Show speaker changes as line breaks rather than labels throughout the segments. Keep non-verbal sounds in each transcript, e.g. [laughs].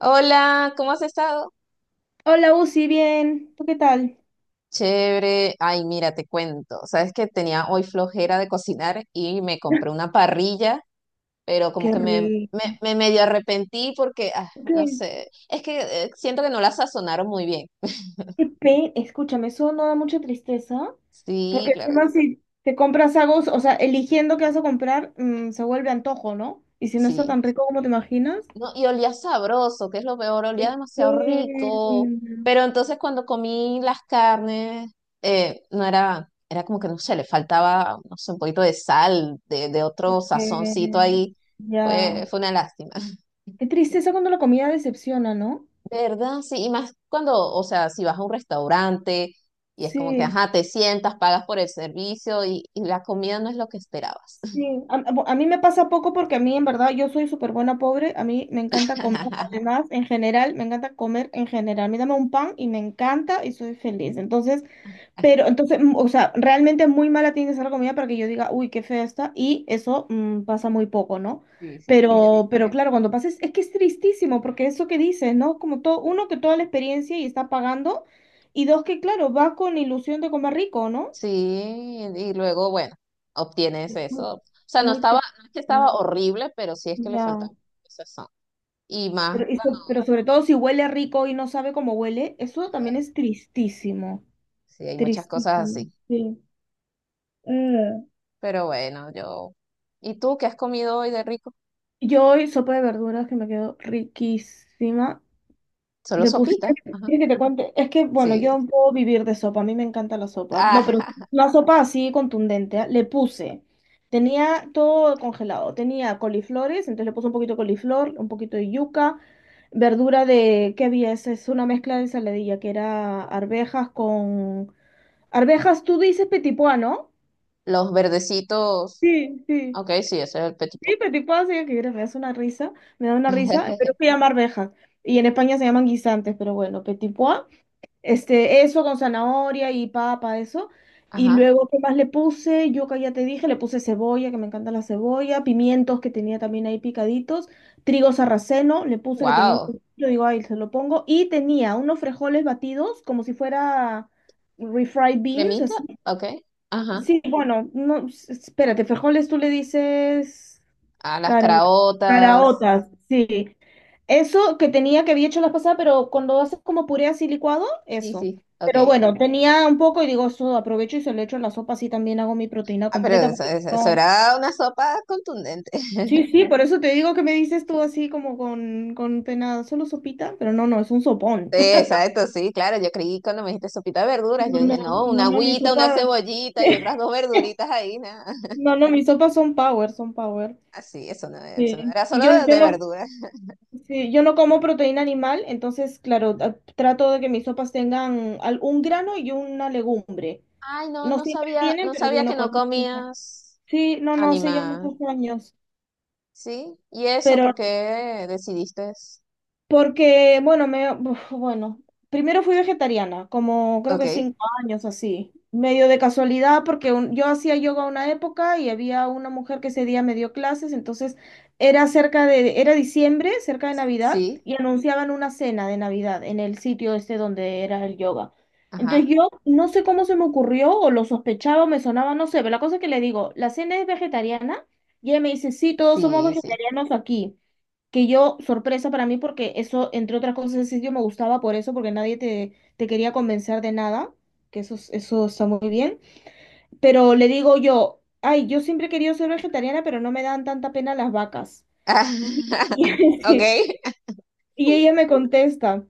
Hola, ¿cómo has estado?
Hola, Uzi, bien. ¿Tú qué tal?
Chévere. Ay, mira, te cuento. Sabes que tenía hoy flojera de cocinar y me compré una parrilla, pero como
Qué
que me, me,
rico.
me medio arrepentí porque,
¿Por
no
¿Qué?
sé, es que siento que no la sazonaron muy bien.
Escúchame, eso no da mucha tristeza.
Sí,
Porque
claro, que
encima
sí.
si te compras algo, o sea, eligiendo qué vas a comprar, se vuelve antojo, ¿no? Y si no está
Sí.
tan rico como te imaginas.
No, y olía sabroso, que es lo peor, olía demasiado rico.
qué-
Pero entonces cuando comí las carnes, no era, era como que no sé, le faltaba, no sé, un poquito de sal, de otro sazoncito
qué-
ahí.
Ya.
Fue una lástima. [laughs]
Qué tristeza cuando la comida decepciona, ¿no?
¿Verdad? Sí, y más cuando, o sea, si vas a un restaurante y es como que,
Sí.
ajá, te sientas, pagas por el servicio y la comida no es lo que esperabas.
Sí, mí me pasa poco porque a mí en verdad yo soy súper buena pobre, a mí me encanta comer,
[laughs]
además en general, me encanta comer en general, a mí dame un pan y me encanta y soy feliz, entonces, pero entonces, o sea, realmente muy mala tiene que ser la comida para que yo diga, uy, qué fea está, y eso pasa muy poco, ¿no?
Sí, sí.
Pero, claro, cuando pasa es que es tristísimo porque eso que dices, ¿no? Como todo, uno que toda la experiencia y está pagando, y dos que claro, va con ilusión de comer rico, ¿no?
Sí, y luego, bueno, obtienes
Es muy,
eso. O sea, no
muy
estaba,
triste.
no es que estaba horrible, pero sí es que le
Ya.
faltaba son. Y más,
Pero, y
cuando,
so- pero sobre todo si huele rico y no sabe cómo huele, eso también
¿verdad?
es tristísimo.
Sí, hay muchas cosas
Tristísimo.
así.
Sí. Mm.
Pero bueno, yo. ¿Y tú qué has comido hoy de rico?
Yo hoy sopa de verduras que me quedó riquísima.
Solo
Le puse,
sopita.
¿quieres
Ajá.
que te cuente? Es que, bueno,
Sí.
yo puedo vivir de sopa, a mí me encanta la sopa. No, pero
Ah, [laughs]
una sopa así contundente, ¿ah? Le puse, tenía todo congelado, tenía coliflores, entonces le puse un poquito de coliflor, un poquito de yuca, verdura de, ¿qué había? Es una mezcla de ensaladilla, que era arvejas con. Arvejas, tú dices petipoa, ¿no?
los verdecitos.
Sí, sí.
Ok, sí, ese es el petit pot.
Sí, petipoa, sí, es una risa, me da una risa, pero
[laughs]
se llama arvejas. Y en España se llaman guisantes, pero bueno, petipoa. Este, eso con zanahoria y papa, eso. Y
Ajá.
luego, ¿qué más le puse? Yo que ya te dije, le puse cebolla, que me encanta la cebolla, pimientos que tenía también ahí picaditos, trigo sarraceno, le puse que tenía un
Wow.
poquito, digo, ahí se lo pongo. Y tenía unos frijoles batidos, como si fuera refried beans.
Cremita. Ok. Ajá.
Sí, bueno, no, espérate, frijoles tú le dices
Ah, las
cara-
caraotas.
caraotas, sí. Eso que tenía que había hecho la pasada, pero cuando haces como puré así licuado,
Sí,
eso.
sí. Ok.
Pero bueno, tenía un poco y digo, eso aprovecho y se lo echo en la sopa, así también hago mi proteína
Ah, pero
completa,
eso,
porque
eso- eso
no.
era una sopa contundente.
Sí, sí, por eso te digo que me dices tú así como con pena, solo sopita, pero no, no, es un sopón.
Sí,
[laughs]
exacto, sí, claro. Yo creí cuando me dijiste sopita de verduras,
No,
yo
no,
dije, no, una
no, no, mi
agüita, una
sopa.
cebollita y otras dos
[laughs]
verduritas ahí, nada. [laughs]
No, no, mis sopas son power, son power.
Así, eso no
Sí.
era
Y
solo
yo,
de,
yo
de
no
verduras.
Sí, yo no como proteína animal, entonces, claro, trato de que mis sopas tengan un grano y una legumbre.
Ay, no,
No
no
siempre
sabía,
tienen,
no
pero
sabía
bueno,
que
con
no
eso ya-
comías
Sí, no, no, hace ya
animal.
muchos años.
Sí, ¿y eso
Pero
por qué decidiste?
Porque, bueno, primero fui vegetariana, como creo que
Ok,
5 años así, medio de casualidad, porque yo hacía yoga una época y había una mujer que ese día me dio clases, entonces era cerca de, era diciembre, cerca de Navidad,
sí,
y anunciaban una cena de Navidad en el sitio este donde era el yoga.
ajá,
Entonces yo no sé cómo se me ocurrió, o lo sospechaba, o me sonaba, no sé, pero la cosa es que le digo, la cena es vegetariana, y ella me dice, sí, todos somos
sí, sí.
vegetarianos aquí que yo, sorpresa para mí, porque eso, entre otras cosas, ese sitio me gustaba por eso, porque nadie te quería convencer de nada, que eso, eso está muy bien. Pero le digo yo, ay, yo siempre he querido ser vegetariana, pero no me dan tanta pena las vacas. Y, [laughs] y,
[laughs] Ok,
sí, y ella me contesta.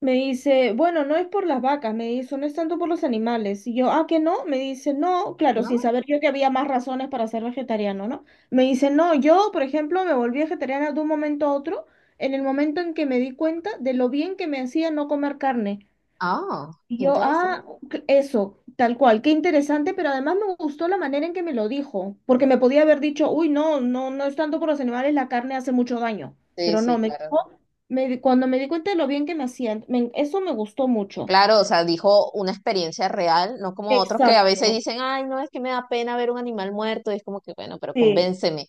Me dice, bueno, no es por las vacas, me dice, no es tanto por los animales. Y yo, ah, que no, me dice, no, claro,
¿no?
sin saber yo que había más razones para ser vegetariano, ¿no? Me dice, no, yo, por ejemplo, me volví vegetariana de un momento a otro, en el momento en que me di cuenta de lo bien que me hacía no comer carne.
Oh,
Y
qué
yo, ah,
interesante.
ok, eso, tal cual, qué interesante, pero además me gustó la manera en que me lo dijo, porque me podía haber dicho, uy, no, no, no es tanto por los animales, la carne hace mucho daño,
Sí,
pero no,
sí,
me dijo,
claro.
cuando me di cuenta de lo bien que me hacían, eso me gustó mucho.
Claro, o sea, dijo una experiencia real, no como otros que a veces
Exacto,
dicen, ay, no, es que me da pena ver un animal muerto, y es como que, bueno, pero
sí.
convénceme.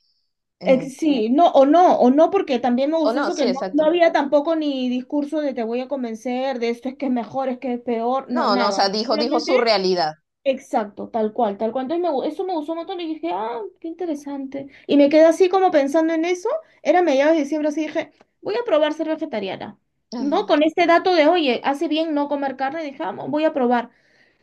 Eh,
Sí, no, o no, o no, porque también me
o
gustó
no,
eso
sí,
que no, no
exacto.
había tampoco ni discurso de te voy a convencer, de esto es que es mejor, es que es peor, no,
No, no, o
nada.
sea, dijo su
Solamente
realidad.
Exacto, tal cual, tal cual. Entonces eso me gustó un montón y dije, ah, qué interesante. Y me quedé así como pensando en eso. Era mediados de diciembre, así dije, voy a probar ser vegetariana. ¿No?
Ajá,
Con este dato de, oye, hace bien no comer carne, dije, "Ah, voy a probar.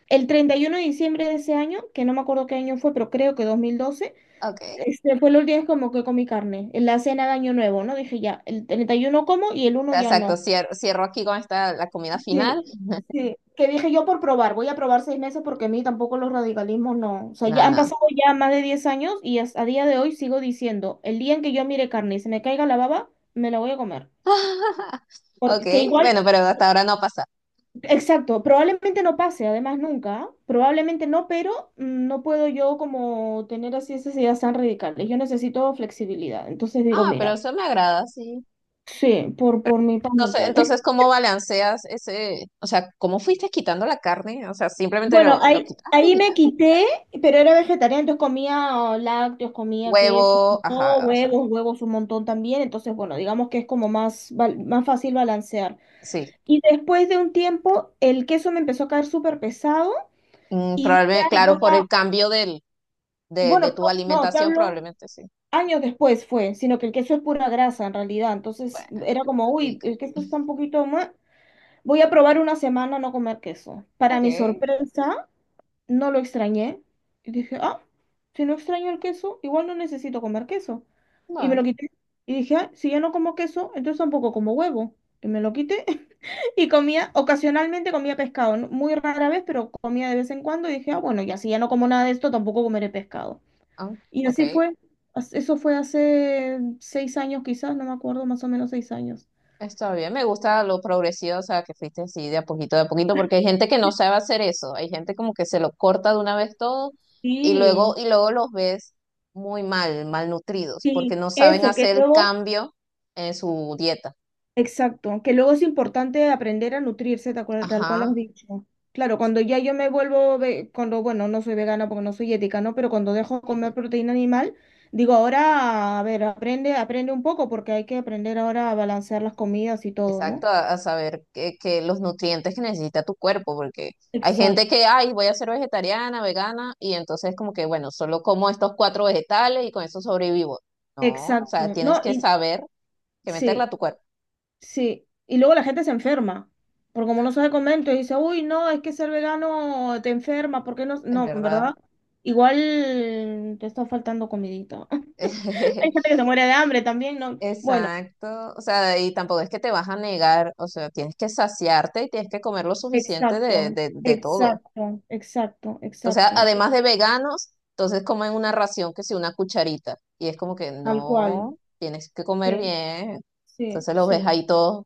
El 31 de diciembre de ese año, que no me acuerdo qué año fue, pero creo que 2012,
ok, o
fue los días como que comí carne, en la cena de Año Nuevo, ¿no? Dije, ya, el 31 como y el uno
sea,
ya
exacto,
no.
cierro, aquí con esta, la comida final.
Sí, sí, que dije yo por probar, voy a probar 6 meses porque a mí tampoco los radicalismos no, o sea,
No,
ya han
no.
pasado ya más de 10 años y hasta a día de hoy sigo diciendo, el día en que yo mire carne y se me caiga la baba, me la voy a comer.
[laughs] Ok,
Porque igual,
bueno, pero hasta ahora no pasa.
exacto, probablemente no pase, además nunca, probablemente no, pero no puedo yo como tener así esas ideas tan radicales, yo necesito flexibilidad, entonces digo,
Ah, pero
mira,
eso me agrada, sí.
sí, por mi paz
Entonces,
mental.
entonces, ¿cómo balanceas ese, o sea, cómo fuiste quitando la carne? O sea, simplemente
Bueno,
lo
ahí,
quitaste
ahí
y
me
ya.
quité, pero era vegetariana, entonces comía oh, lácteos, comía queso,
Huevo,
no,
ajá, o sea.
huevos, huevos un montón también, entonces bueno, digamos que es como más, más fácil balancear.
Sí,
Y después de un tiempo, el queso me empezó a caer súper pesado y dije,
Probablemente,
"Ay,
claro,
voy
por el
a,
cambio de
bueno,
tu
no, no, te
alimentación,
hablo
probablemente sí.
años después fue, sino que el queso es pura grasa en realidad,
Bueno,
entonces era como,
tan
uy,
rica.
el queso está un poquito más. Voy a probar una semana no comer queso. Para
Ok,
mi sorpresa, no lo extrañé. Y dije, ah, si no extraño el queso, igual no necesito comer queso. Y me lo
bueno,
quité. Y dije, ah, si ya no como queso, entonces tampoco como huevo. Y me lo quité. [laughs] Y comía, ocasionalmente comía pescado, ¿no? Muy rara vez, pero comía de vez en cuando. Y dije, ah, bueno, ya si ya no como nada de esto, tampoco comeré pescado.
ah,
Y así
ok,
fue. Eso fue hace 6 años quizás, no me acuerdo, más o menos 6 años.
está bien. Me gusta lo progresivo, o sea, que fuiste así de a poquito, porque hay gente que no sabe hacer eso. Hay gente como que se lo corta de una vez todo y luego,
Sí,
y luego los ves muy mal, malnutridos, porque
sí.
no saben
eso, que
hacer el
luego
cambio en su dieta.
Exacto, que luego es importante aprender a nutrirse, tal cual
Ajá.
has dicho. Claro, cuando ya yo me vuelvo, cuando, bueno, no soy vegana porque no soy ética, ¿no? Pero cuando dejo de comer proteína animal, digo, ahora, a ver, aprende, aprende un poco porque hay que aprender ahora a balancear las comidas y todo,
Exacto,
¿no?
a saber que los nutrientes que necesita tu cuerpo, porque hay gente
Exacto.
que, ay, voy a ser vegetariana, vegana, y entonces como que, bueno, solo como estos cuatro vegetales y con eso sobrevivo. No, o sea,
Exacto,
tienes
no,
que
y
saber que meterla
sí,
a tu cuerpo,
sí, y luego la gente se enferma, porque como no sabe comer, entonces dice, uy, no, es que ser vegano te enferma, ¿por qué no?
es
No, en verdad,
verdad.
igual te está faltando comidita. Hay gente que
[laughs]
se muere de hambre también, ¿no? Bueno,
Exacto, o sea, y tampoco es que te vas a negar, o sea, tienes que saciarte y tienes que comer lo suficiente
exacto,
de todo.
exacto, exacto,
Entonces,
exacto,
además de veganos, entonces comen una ración que si una cucharita. Y es como que
tal cual.
no, tienes que comer
Sí,
bien.
sí,
Entonces los ves
sí,
ahí todos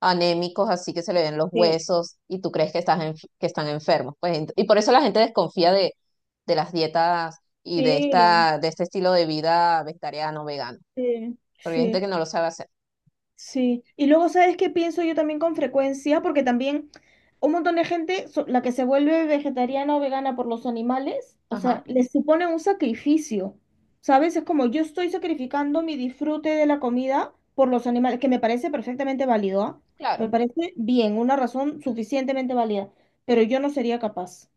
anémicos, así que se le ven los
sí,
huesos y tú crees que están enfermos. Pues, y por eso la gente desconfía de las dietas y
sí,
de este estilo de vida vegetariano, vegano.
sí,
Porque hay gente
sí.
que no lo sabe hacer.
Sí, y luego, ¿sabes qué pienso yo también con frecuencia? Porque también un montón de gente, la que se vuelve vegetariana o vegana por los animales, o sea,
Ajá,
les supone un sacrificio, ¿sabes? Es como yo estoy sacrificando mi disfrute de la comida por los animales, que me parece perfectamente válido, ¿ah? Me
claro.
parece bien, una razón suficientemente válida, pero yo no sería capaz,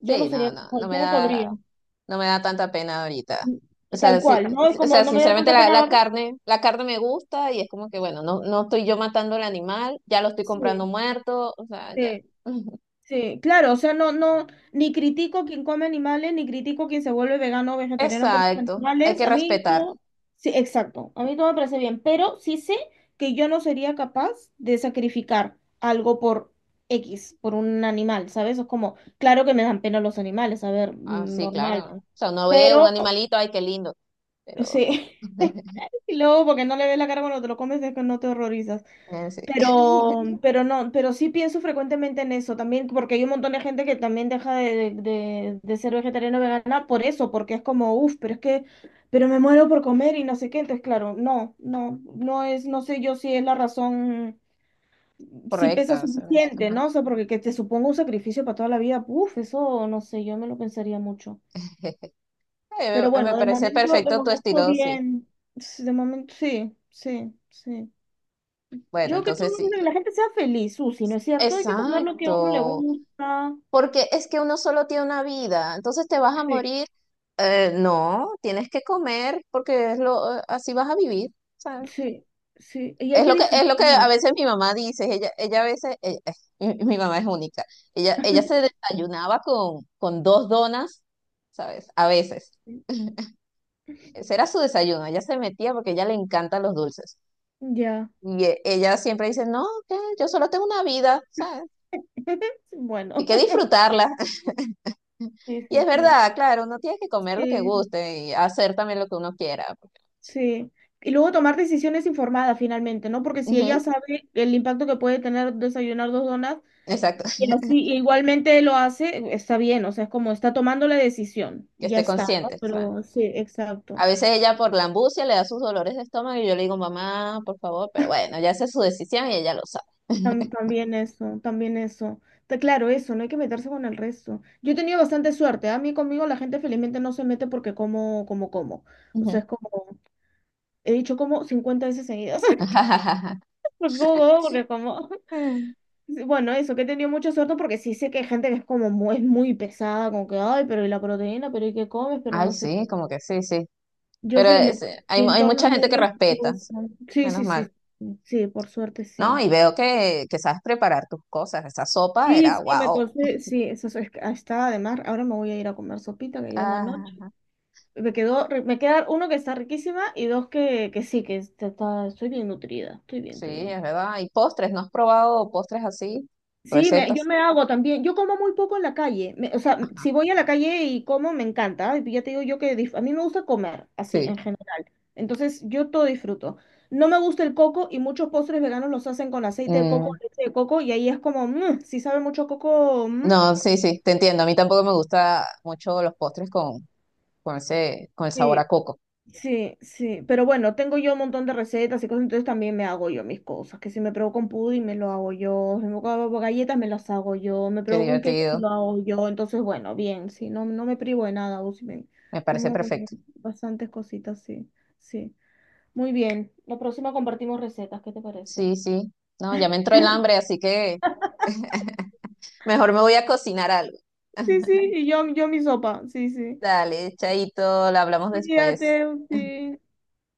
yo no
Sí,
sería
no, no,
capaz, yo no podría,
no me da tanta pena ahorita. O sea,
tal
sí,
cual, ¿no? Es
sí, o
como
sea,
no me da
sinceramente
tanta
la,
pena la.
la carne, la carne me gusta y es como que, bueno, no, no estoy yo matando al animal, ya lo estoy
Sí,
comprando muerto, o sea, ya.
sí.
[laughs]
Sí, claro, o sea, no, no, ni critico a quien come animales, ni critico a quien se vuelve vegano o vegetariano por los
Exacto, hay
animales.
que
A mí
respetar.
todo, sí, exacto, a mí todo me parece bien, pero sí sé que yo no sería capaz de sacrificar algo por X, por un animal, ¿sabes? Es como, claro que me dan pena los animales, a ver,
Ah, sí,
normal,
claro. O sea, uno ve un
pero
animalito, ay, qué lindo, pero.
sí,
[laughs]
[laughs] y luego porque no le ves la cara cuando te lo comes es que no te horrorizas.
Sí.
Pero,
[laughs]
pero no, pero sí pienso frecuentemente en eso también, porque hay un montón de gente que también deja de ser vegetariano o vegana por eso, porque es como, uff, pero me muero por comer y no sé qué. Entonces, claro, no, no, no es, no sé yo si es la razón, si pesa
Correcta. O sea, no sé,
suficiente,
ajá.
¿no? O sea, porque que te suponga un sacrificio para toda la vida, uff, eso no sé, yo me lo pensaría mucho.
[laughs] Eh,
Pero
Me me
bueno,
parece
de
perfecto tu
momento
estilo, sí.
bien, de momento sí, sí, sí.
Bueno,
Yo que todo
entonces
el mundo, que
sí.
la gente sea feliz, Susi, ¿no es cierto? Hay que comer lo que a uno le
Exacto.
gusta.
Porque es que uno solo tiene una vida, entonces te vas a
Sí.
morir. No, tienes que comer porque así vas a vivir, ¿sabes?
Sí, sí, y hay
Es
que
lo que, es lo que
disfrutar.
a veces mi mamá dice, ella a veces, [laughs] mi mamá es única, ella se desayunaba con dos donas, ¿sabes? A veces. [laughs] Ese era su desayuno, ella se metía porque a ella le encantan los dulces.
Ya.
Y ella siempre dice, no, que yo solo tengo una vida, ¿sabes?
[laughs]
Hay
Bueno,
que disfrutarla.
sí,
Y es
sí, sí.
verdad, claro, uno tiene que comer lo que
Sí.
guste y hacer también lo que uno quiera.
Sí. Y luego tomar decisiones informadas finalmente, ¿no? Porque si ella
Ujú,
sabe el impacto que puede tener desayunar dos donas
exacto,
y
[laughs]
así igualmente lo hace, está bien, o sea, es como está tomando la decisión,
que
ya
esté
está, ¿no?
consciente. O
Pero sí, exacto.
A veces ella por la ambucia le da sus dolores de estómago y yo le digo, mamá, por favor, pero bueno, ya esa es su decisión y ella lo sabe. [laughs]
También eso, también eso. Está claro, eso, no hay que meterse con el resto. Yo he tenido bastante suerte, ¿ah? A mí conmigo la gente felizmente no se mete porque como, como, como. O
Ujú.
sea, es como, he dicho como 50 veces seguidas. [laughs]
[laughs]
Porque como, como, porque como. [laughs]
Mm.
Sí, bueno, eso, que he tenido mucha suerte porque sí sé que hay gente que es es muy pesada, como que, ay, pero y la proteína, pero y qué comes, pero
Ay,
no sé qué.
sí, como que sí, sí.
Yo
Pero
felizmente,
hay,
mi
hay
entorno es
mucha gente
muy
que respeta,
respetuoso.
sí,
Sí, sí,
menos mal.
sí. Sí, por suerte,
No,
sí.
y veo que sabes preparar tus cosas. Esa sopa
Sí,
era
sí, me
wow.
cosí, sí, eso es que estaba. Ahora me voy a ir a comer sopita, que ya es la noche. Me queda uno que está riquísima y dos que sí, estoy bien nutrida. Estoy bien,
Sí,
estoy bien.
es verdad. ¿Y postres? ¿No has probado postres así?
Sí, yo
¿Recetas?
me hago también. Yo como muy poco en la calle. O sea, si voy a la calle y como, me encanta. Y ya te digo yo que a mí me gusta comer, así,
Sí.
en general. Entonces, yo todo disfruto. No me gusta el coco y muchos postres veganos los hacen con aceite de coco,
Mm,
leche de coco, y ahí es como, si sabe mucho a coco, mm,
no, sí, sí, te entiendo. A mí tampoco me gusta mucho los postres con el sabor
sí,
a coco.
sí, sí, pero bueno, tengo yo un montón de recetas y cosas, entonces también me hago yo mis cosas, que si me provoca un pudding me lo hago yo, si me provoca galletas me las hago yo, me
Qué
provoca un cake me
divertido.
lo hago yo, entonces bueno, bien, sí, no, no me privo de nada, o si me-
Me parece
como
perfecto.
bastantes cositas, sí, sí. Muy bien, la próxima compartimos recetas, ¿qué te parece?
Sí, sí. No, ya me entró el
[laughs]
hambre, así que mejor me voy a cocinar algo.
Sí,
[laughs]
sí, y yo mi sopa, sí, sí.
Dale, chaito, la hablamos después.
Cuídate, sí.